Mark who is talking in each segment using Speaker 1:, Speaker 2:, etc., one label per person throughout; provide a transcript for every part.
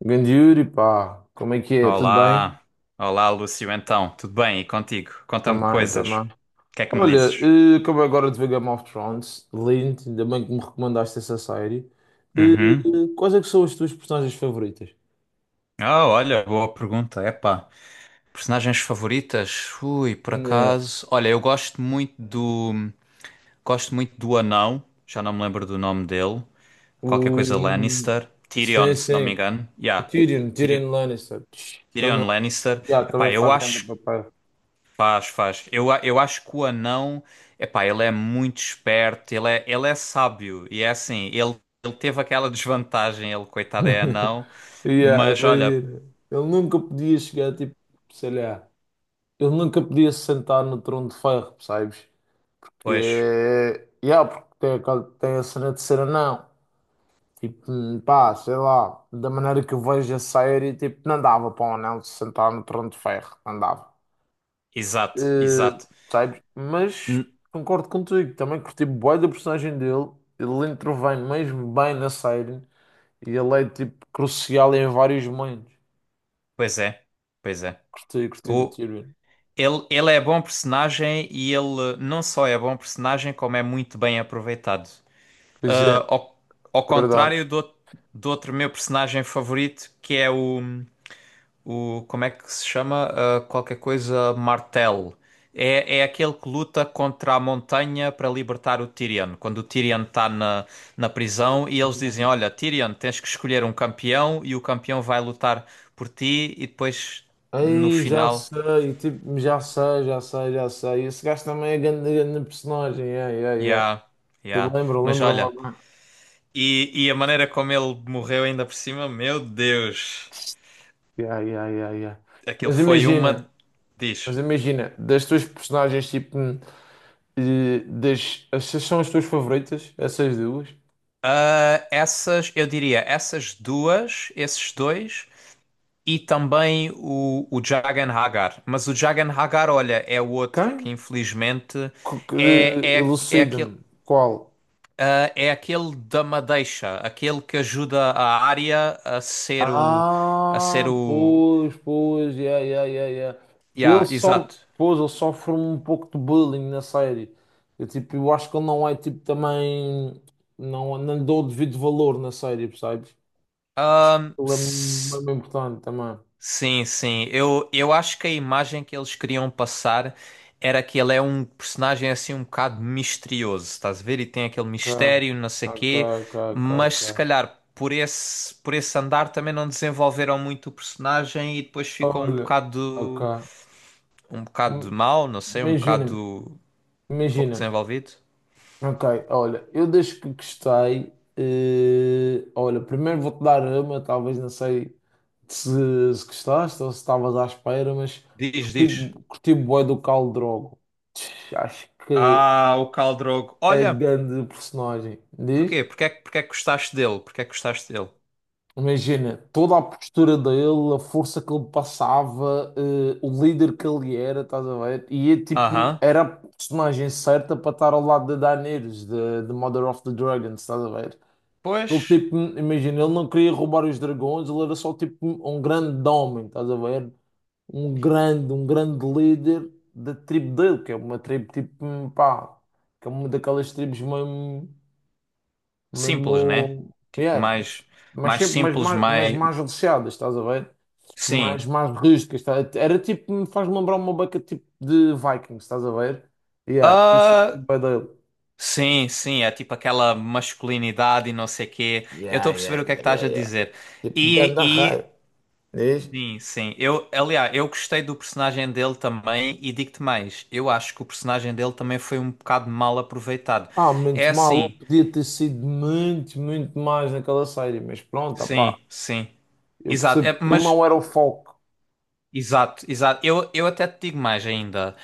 Speaker 1: Grande Yuri, pá, como é que é? Tudo bem?
Speaker 2: Olá, olá Lúcio, então, tudo bem? E contigo? Conta-me
Speaker 1: Também,
Speaker 2: coisas. O
Speaker 1: também.
Speaker 2: que é que me
Speaker 1: Olha,
Speaker 2: dizes?
Speaker 1: acabei agora de ver Game of Thrones, lindo, ainda bem que me recomendaste essa série. Eh,
Speaker 2: Uhum.
Speaker 1: Quais é que são as tuas personagens favoritas?
Speaker 2: Ah, olha, boa pergunta. Epá, personagens favoritas? Ui, por
Speaker 1: Né.
Speaker 2: acaso. Olha, eu gosto muito do. Gosto muito do anão, já não me lembro do nome dele. Qualquer
Speaker 1: O...
Speaker 2: coisa Lannister.
Speaker 1: Sim,
Speaker 2: Tyrion, se não me
Speaker 1: sim,
Speaker 2: engano.
Speaker 1: o
Speaker 2: Yeah.
Speaker 1: Tyrion,
Speaker 2: Tyri-
Speaker 1: Tyrion Lannister, também,
Speaker 2: Tyrion Lannister.
Speaker 1: yeah, também
Speaker 2: Epá, eu
Speaker 1: faz grande
Speaker 2: acho.
Speaker 1: papel.
Speaker 2: Faz, faz. Eu acho que o anão, epá, ele é muito esperto, ele é sábio. E é assim, ele teve aquela desvantagem, ele, coitado, é anão.
Speaker 1: Yeah,
Speaker 2: Mas olha,
Speaker 1: imagina, ele nunca podia chegar, tipo, sei lá, ele nunca podia se sentar no trono de ferro, percebes? Que
Speaker 2: pois,
Speaker 1: é. Yeah, porque tem, tem a cena de ser anão. Tipo, pá, sei lá. Da maneira que eu vejo a série, tipo, não dava para um anão se sentar no trono de ferro. Não dava.
Speaker 2: exato,
Speaker 1: Eh,
Speaker 2: exato.
Speaker 1: sabes? Mas
Speaker 2: N-
Speaker 1: concordo contigo. Também curti bué da personagem dele. Ele intervém mesmo bem na série. E ele é, tipo, crucial em vários momentos.
Speaker 2: Pois é, pois é.
Speaker 1: Curti de
Speaker 2: O,
Speaker 1: Tyrion.
Speaker 2: ele é bom personagem e ele não só é bom personagem, como é muito bem aproveitado.
Speaker 1: Pois é,
Speaker 2: Ah, ao, ao
Speaker 1: é verdade.
Speaker 2: contrário do, do outro meu personagem favorito, que é o. O, como é que se chama? Ah, qualquer coisa Martel. É, é aquele que luta contra a montanha para libertar o Tyrion. Quando o Tyrion está na, na prisão e eles dizem: Olha, Tyrion, tens que escolher um campeão e o campeão vai lutar por ti. E depois, no
Speaker 1: Aí já
Speaker 2: final,
Speaker 1: sei, tipo, já sei. Esse gajo também é grande, grande personagem, yeah, yeah, yeah.
Speaker 2: yeah,
Speaker 1: Te
Speaker 2: yeah.
Speaker 1: lembro,
Speaker 2: Mas
Speaker 1: lembro-me
Speaker 2: olha,
Speaker 1: agora.
Speaker 2: e a maneira como ele morreu ainda por cima, meu Deus,
Speaker 1: Yeah, yeah, yeah, yeah.
Speaker 2: aquilo
Speaker 1: Mas
Speaker 2: foi uma.
Speaker 1: imagina, mas
Speaker 2: Diz.
Speaker 1: imagina, das tuas personagens, tipo, essas são as tuas favoritas, essas duas?
Speaker 2: Ah, essas, eu diria, essas duas, esses dois. E também o Jagan Hagar. Mas o Jagan Hagar, olha, é o outro
Speaker 1: Quem?
Speaker 2: que infelizmente
Speaker 1: Co- que-
Speaker 2: é aquele,
Speaker 1: Elucida-me, qual?
Speaker 2: é aquele da Madeixa, aquele que ajuda a Arya a ser o. A ser
Speaker 1: Ah,
Speaker 2: o.
Speaker 1: pois, pois, yeah, yeah, yeah, yeah. Ele
Speaker 2: Yeah,
Speaker 1: só,
Speaker 2: exato.
Speaker 1: pois, ele sofre um pouco de bullying na série. Eu, tipo, eu acho que ele não é, tipo, também, não, não lhe dou o devido valor na série, percebes? Acho que
Speaker 2: Ahm,
Speaker 1: ele é
Speaker 2: s-
Speaker 1: mesmo importante também.
Speaker 2: Sim, sim. Eu acho que a imagem que eles queriam passar era que ele é um personagem assim um bocado misterioso, estás a ver? E tem aquele
Speaker 1: Ok,
Speaker 2: mistério, não sei
Speaker 1: ok,
Speaker 2: quê,
Speaker 1: ok, ok,
Speaker 2: mas se
Speaker 1: ok.
Speaker 2: calhar por esse andar também não desenvolveram muito o personagem e depois ficou
Speaker 1: Olha, ok.
Speaker 2: um bocado
Speaker 1: Hum,
Speaker 2: mau, não sei, um
Speaker 1: Imagina-me,
Speaker 2: bocado pouco
Speaker 1: imagina-me.
Speaker 2: desenvolvido.
Speaker 1: Ok, olha, eu desde que gostei, olha, primeiro vou-te dar uma, talvez não sei se, se gostaste ou se estavas à espera, mas
Speaker 2: Diz,
Speaker 1: curti,
Speaker 2: diz.
Speaker 1: curti bué do Khal Drogo. Acho que
Speaker 2: Ah, o Khal Drogo.
Speaker 1: é
Speaker 2: Olha,
Speaker 1: grande personagem, diz?
Speaker 2: porquê? Porquê é que gostaste dele? Porquê é que gostaste dele?
Speaker 1: Imagina, toda a postura dele, a força que ele passava, o líder que ele era, estás a ver? E é, tipo,
Speaker 2: Aham.
Speaker 1: era a personagem certa para estar ao lado de Daenerys, de Mother of the Dragons, estás a ver? Ele
Speaker 2: Pois.
Speaker 1: tipo, imagina, ele não queria roubar os dragões, ele era só tipo um grande homem, estás a ver? Um grande líder da tribo dele, que é uma tribo tipo, pá, que é uma daquelas tribos mesmo,
Speaker 2: Simples, né?
Speaker 1: mesmo,
Speaker 2: Tipo,
Speaker 1: yeah,
Speaker 2: mais,
Speaker 1: mas
Speaker 2: mais
Speaker 1: sempre,
Speaker 2: simples,
Speaker 1: mas
Speaker 2: mais.
Speaker 1: mais aleixadas, estás a ver?
Speaker 2: Sim.
Speaker 1: Mais rústicas, tá? Era tipo, me faz lembrar uma beca tipo de Vikings, estás a ver? Yeah, por isso que
Speaker 2: Ah,
Speaker 1: tipo é dele.
Speaker 2: sim, sim. É tipo aquela masculinidade e não sei quê. Eu
Speaker 1: Yeah,
Speaker 2: estou a
Speaker 1: yeah,
Speaker 2: perceber o que é que
Speaker 1: yeah, yeah,
Speaker 2: estás a
Speaker 1: yeah.
Speaker 2: dizer.
Speaker 1: Tipo,
Speaker 2: E,
Speaker 1: ganda rei,
Speaker 2: e
Speaker 1: diz?
Speaker 2: sim, sim. Eu, aliás, eu gostei do personagem dele também e digo-te mais. Eu acho que o personagem dele também foi um bocado mal aproveitado.
Speaker 1: Ah, menos
Speaker 2: É
Speaker 1: mal, eu
Speaker 2: assim,
Speaker 1: podia ter sido muito mais naquela série, mas pronto, opá,
Speaker 2: sim, sim.
Speaker 1: eu
Speaker 2: Exato.
Speaker 1: percebo
Speaker 2: É,
Speaker 1: que ele
Speaker 2: mas.
Speaker 1: não era o foco.
Speaker 2: Exato, exato. Eu até te digo mais ainda.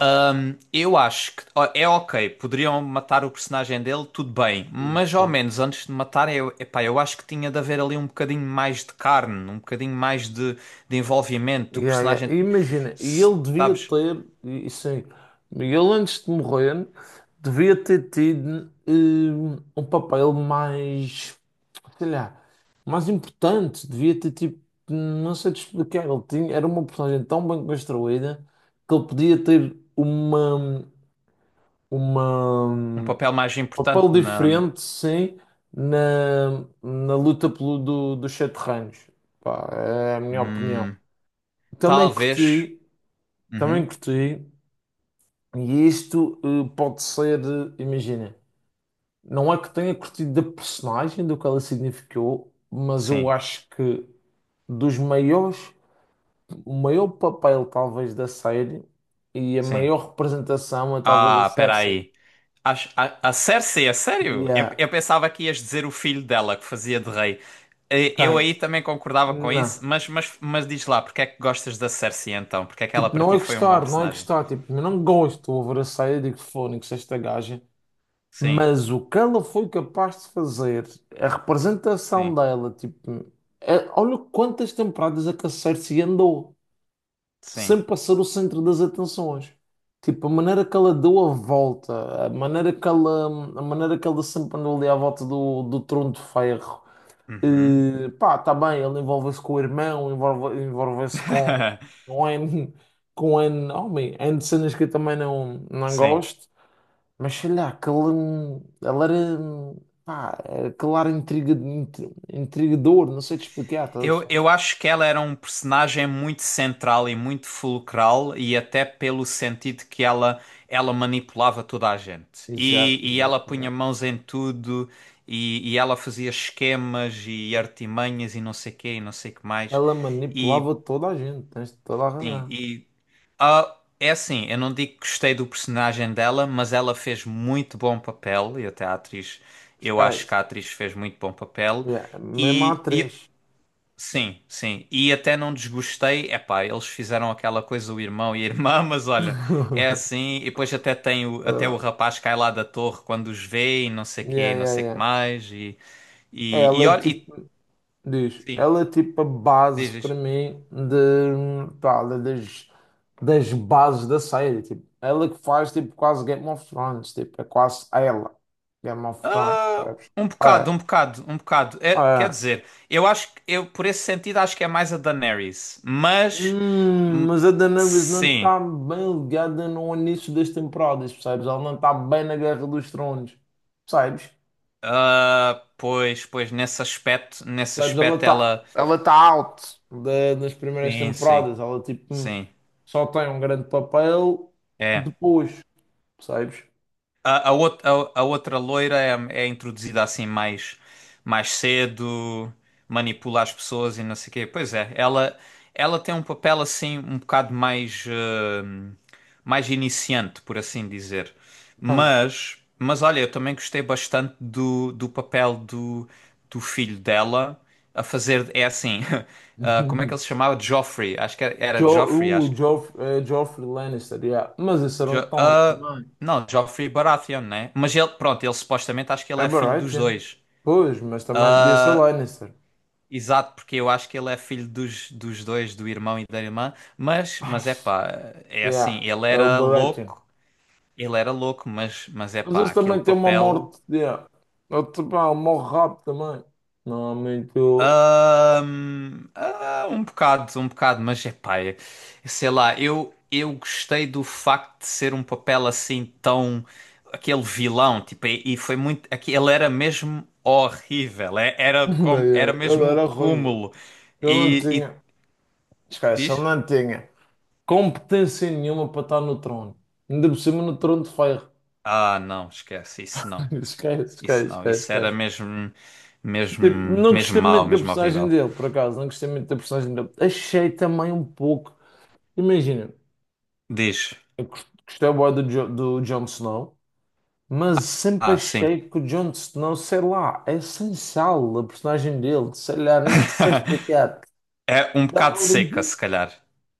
Speaker 2: Eu acho que ó, é ok, poderiam matar o personagem dele, tudo bem, mas ao
Speaker 1: Ok.
Speaker 2: menos antes de matar, eu, epá, eu acho que tinha de haver ali um bocadinho mais de carne, um bocadinho mais de envolvimento. O
Speaker 1: Yeah, yeah. E
Speaker 2: personagem,
Speaker 1: imagina,
Speaker 2: se- sabes,
Speaker 1: e sim, ele antes de morrer, devia ter tido um papel mais, sei lá, mais importante, devia ter tipo, não sei te explicar, ele tinha, era uma personagem tão bem construída que ele podia ter
Speaker 2: um
Speaker 1: um
Speaker 2: papel mais
Speaker 1: papel
Speaker 2: importante na.
Speaker 1: diferente, sim, na luta pelo, dos sete reinos. Pá, é a minha opinião.
Speaker 2: Hum,
Speaker 1: Também
Speaker 2: talvez.
Speaker 1: curti, também
Speaker 2: Uhum,
Speaker 1: curti, e isto pode ser, imagina, não é que tenha curtido da personagem, do que ela significou, mas eu
Speaker 2: sim,
Speaker 1: acho que dos maiores, o maior papel talvez da série e a
Speaker 2: sim.
Speaker 1: maior representação é talvez a
Speaker 2: Ah,
Speaker 1: Cersei.
Speaker 2: peraí. A Cersei, é sério?
Speaker 1: E a
Speaker 2: Eu pensava que ias dizer o filho dela que fazia de rei. Eh, eu
Speaker 1: quem?
Speaker 2: aí também concordava com
Speaker 1: Não.
Speaker 2: isso, mas diz lá, porque é que gostas da Cersei então? Porque é que ela
Speaker 1: Tipo,
Speaker 2: para
Speaker 1: não
Speaker 2: ti
Speaker 1: é
Speaker 2: foi um bom
Speaker 1: gostar, não é
Speaker 2: personagem?
Speaker 1: gostar. Tipo, eu não gosto, eu abracei, eu digo, fónix, esta gaja.
Speaker 2: Sim,
Speaker 1: Mas o que ela foi capaz de fazer, a representação
Speaker 2: sim,
Speaker 1: dela, tipo, é- olha quantas temporadas é que a Cersei andou,
Speaker 2: sim.
Speaker 1: sem passar o centro das atenções. Tipo, a maneira que ela deu a volta, a maneira que ela sempre andou ali à volta do, do trono de ferro.
Speaker 2: Uhum.
Speaker 1: Pá, tá bem, ele envolve-se com o irmão, envolve-se com um N, com um N, homem, N de cenas que eu também não, não
Speaker 2: Sim.
Speaker 1: gosto, mas sei lá, pá, aquele ar intriga, intrigador, não sei te explicar, estás a perceber?
Speaker 2: Eu acho que ela era um personagem muito central e muito fulcral, e até pelo sentido que ela manipulava toda a gente.
Speaker 1: Exato,
Speaker 2: E
Speaker 1: exato,
Speaker 2: ela punha
Speaker 1: exato.
Speaker 2: mãos em tudo, e ela fazia esquemas e artimanhas e não sei quê, e não sei que mais.
Speaker 1: Ela
Speaker 2: E,
Speaker 1: manipulava toda a gente, tens toda a
Speaker 2: sim,
Speaker 1: razão,
Speaker 2: e ah, é assim, eu não digo que gostei do personagem dela, mas ela fez muito bom papel, e até a atriz, eu acho que
Speaker 1: esquece.
Speaker 2: a atriz fez muito bom papel.
Speaker 1: Yeah, mesmo a
Speaker 2: E, e
Speaker 1: atriz.
Speaker 2: Sim, sim. E até não desgostei. Epá, eles fizeram aquela coisa, o irmão e a irmã, mas olha, é assim. E depois até tem o, até
Speaker 1: Ah,
Speaker 2: o rapaz cai lá da torre quando os vê e não sei quê,
Speaker 1: yeah,
Speaker 2: e não
Speaker 1: yeah,
Speaker 2: sei que
Speaker 1: yeah.
Speaker 2: mais. E
Speaker 1: Ela, é
Speaker 2: olha, e
Speaker 1: tipo. Diz,
Speaker 2: sim,
Speaker 1: ela é tipo a base
Speaker 2: diz
Speaker 1: para
Speaker 2: isto.
Speaker 1: mim de, pá, das bases da série. Tipo, ela que faz tipo quase Game of Thrones, tipo, é quase ela, Game of Thrones,
Speaker 2: Ah,
Speaker 1: percebes?
Speaker 2: um bocado,
Speaker 1: É,
Speaker 2: um bocado, um bocado. É, quer
Speaker 1: é.
Speaker 2: dizer, eu, por esse sentido, acho que é mais a Daenerys. Mas, hum,
Speaker 1: Mas a Daenerys não
Speaker 2: sim.
Speaker 1: está bem ligada no início das temporadas, percebes? Ela não está bem na Guerra dos Tronos, percebes?
Speaker 2: Ah, pois, pois, nesse
Speaker 1: Sabes,
Speaker 2: aspecto ela.
Speaker 1: ela tá out das primeiras
Speaker 2: Sim, sim,
Speaker 1: temporadas. Ela, tipo,
Speaker 2: sim.
Speaker 1: só tem um grande papel
Speaker 2: É.
Speaker 1: depois, percebes?
Speaker 2: A outra loira é, é introduzida assim mais, mais cedo, manipula as pessoas e não sei o quê. Pois é, ela tem um papel assim um bocado mais, eh, mais iniciante, por assim dizer.
Speaker 1: Tem.
Speaker 2: Mas olha, eu também gostei bastante do, do papel do, do filho dela a fazer. É assim, ah, como é que ele se chamava? Joffrey, acho que era, era
Speaker 1: Jo,
Speaker 2: Joffrey, acho
Speaker 1: o Joff, eh, Joffrey Lannister, yeah. Mas esse era um
Speaker 2: Jo-
Speaker 1: Tom
Speaker 2: ah,
Speaker 1: também.
Speaker 2: não, Joffrey Baratheon, né? Mas ele, pronto, ele supostamente acho que ele
Speaker 1: É
Speaker 2: é filho dos
Speaker 1: Baratheon.
Speaker 2: dois.
Speaker 1: Pois, mas também podia ser
Speaker 2: Ah,
Speaker 1: Lannister.
Speaker 2: exato, porque eu acho que ele é filho dos, dos dois, do irmão e da irmã.
Speaker 1: Ah,
Speaker 2: Mas é pá, é assim,
Speaker 1: yeah, é o Baratheon.
Speaker 2: ele era louco, mas é
Speaker 1: Mas
Speaker 2: pá,
Speaker 1: esse
Speaker 2: aquele
Speaker 1: também tem uma
Speaker 2: papel.
Speaker 1: morte, yeah. Ele, tipo, ah, morre rápido também. Não, muito...
Speaker 2: Um bocado, mas é pá, sei lá, eu gostei do facto de ser um papel assim tão. Aquele vilão, tipo, e foi muito. Ele era mesmo horrível, era, como, era
Speaker 1: Ele
Speaker 2: mesmo o
Speaker 1: era horrível.
Speaker 2: cúmulo.
Speaker 1: Eu não
Speaker 2: E, e
Speaker 1: tinha. Esquece, ele
Speaker 2: diz?
Speaker 1: não tinha competência nenhuma para estar no trono. Ainda por cima no trono de ferro.
Speaker 2: Ah, não, esquece, isso não,
Speaker 1: Esquece, esquece,
Speaker 2: isso não,
Speaker 1: esquece,
Speaker 2: isso era
Speaker 1: esquece.
Speaker 2: mesmo, mesmo,
Speaker 1: Tipo, não
Speaker 2: mesmo
Speaker 1: gostei
Speaker 2: mau,
Speaker 1: muito da
Speaker 2: mesmo
Speaker 1: personagem
Speaker 2: horrível.
Speaker 1: dele, por acaso. Não gostei muito da personagem dele. Achei também um pouco. Imagina,
Speaker 2: Diz,
Speaker 1: eu gostei bué do, do Jon Snow, mas sempre
Speaker 2: ah, sim,
Speaker 1: achei que o Jon Snow, sei lá, é sem sal a personagem dele. Sei lá, não te sei explicar.
Speaker 2: é um bocado
Speaker 1: Dava
Speaker 2: seca,
Speaker 1: ali.
Speaker 2: se calhar.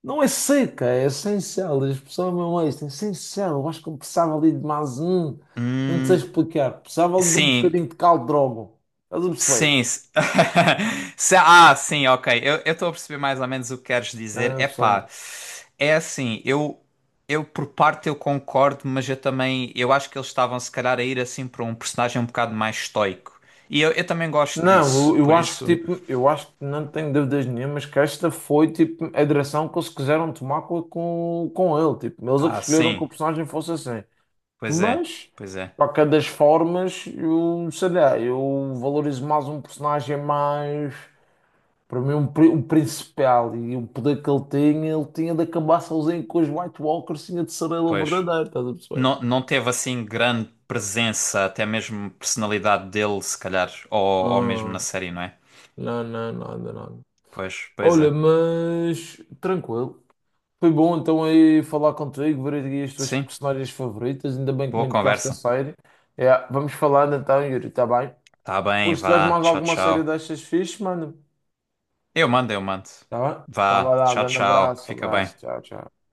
Speaker 1: Não é seca, é essencial. A expressão é mesmo esta, é essencial. Eu acho que eu precisava ali de mais um. Não sei
Speaker 2: Hum.
Speaker 1: explicar. Precisava ali de um
Speaker 2: Sim,
Speaker 1: bocadinho de caldo de rogo. Estás a perceber?
Speaker 2: sim. Ah, sim, ok. Eu estou a perceber mais ou menos o que queres dizer.
Speaker 1: Ah, não
Speaker 2: É
Speaker 1: sei.
Speaker 2: pá, é assim, eu por parte eu concordo, mas eu também, eu acho que eles estavam se calhar a ir assim para um personagem um bocado mais estoico. Eu também gosto
Speaker 1: Não,
Speaker 2: disso,
Speaker 1: eu
Speaker 2: por
Speaker 1: acho que
Speaker 2: isso.
Speaker 1: tipo, eu acho que não tenho dúvidas nenhumas que esta foi tipo a direção que eles quiseram tomar com ele. Tipo, eles é que
Speaker 2: Ah,
Speaker 1: escolheram que
Speaker 2: sim,
Speaker 1: o personagem fosse assim.
Speaker 2: pois é,
Speaker 1: Mas,
Speaker 2: pois é,
Speaker 1: para cada das formas, eu sei lá, eu valorizo mais um personagem mais. Para mim, um principal e o poder que ele tinha de acabar sozinho com os White Walkers, tinha de ser ele o
Speaker 2: pois.
Speaker 1: verdadeiro, estás a perceber?
Speaker 2: Não, não teve assim grande presença, até mesmo personalidade dele, se calhar, ou mesmo na
Speaker 1: Ah,
Speaker 2: série, não é?
Speaker 1: não, não, nada, nada.
Speaker 2: Pois, pois
Speaker 1: Olha,
Speaker 2: é.
Speaker 1: mas tranquilo. Foi bom então aí falar contigo, ver aqui as tuas
Speaker 2: Sim,
Speaker 1: personagens favoritas, ainda bem que
Speaker 2: boa
Speaker 1: me indicaste a
Speaker 2: conversa.
Speaker 1: série. É, vamos falando então, Yuri, está bem?
Speaker 2: Tá bem,
Speaker 1: Hoje, se tiveres
Speaker 2: vá.
Speaker 1: mais
Speaker 2: Tchau,
Speaker 1: alguma série
Speaker 2: tchau.
Speaker 1: destas fixe, mano,
Speaker 2: Eu mando, eu mando.
Speaker 1: tá bem? Então vai
Speaker 2: Vá.
Speaker 1: lá, um
Speaker 2: Tchau,
Speaker 1: grande
Speaker 2: tchau.
Speaker 1: abraço,
Speaker 2: Fica bem.
Speaker 1: abraço, tchau, tchau.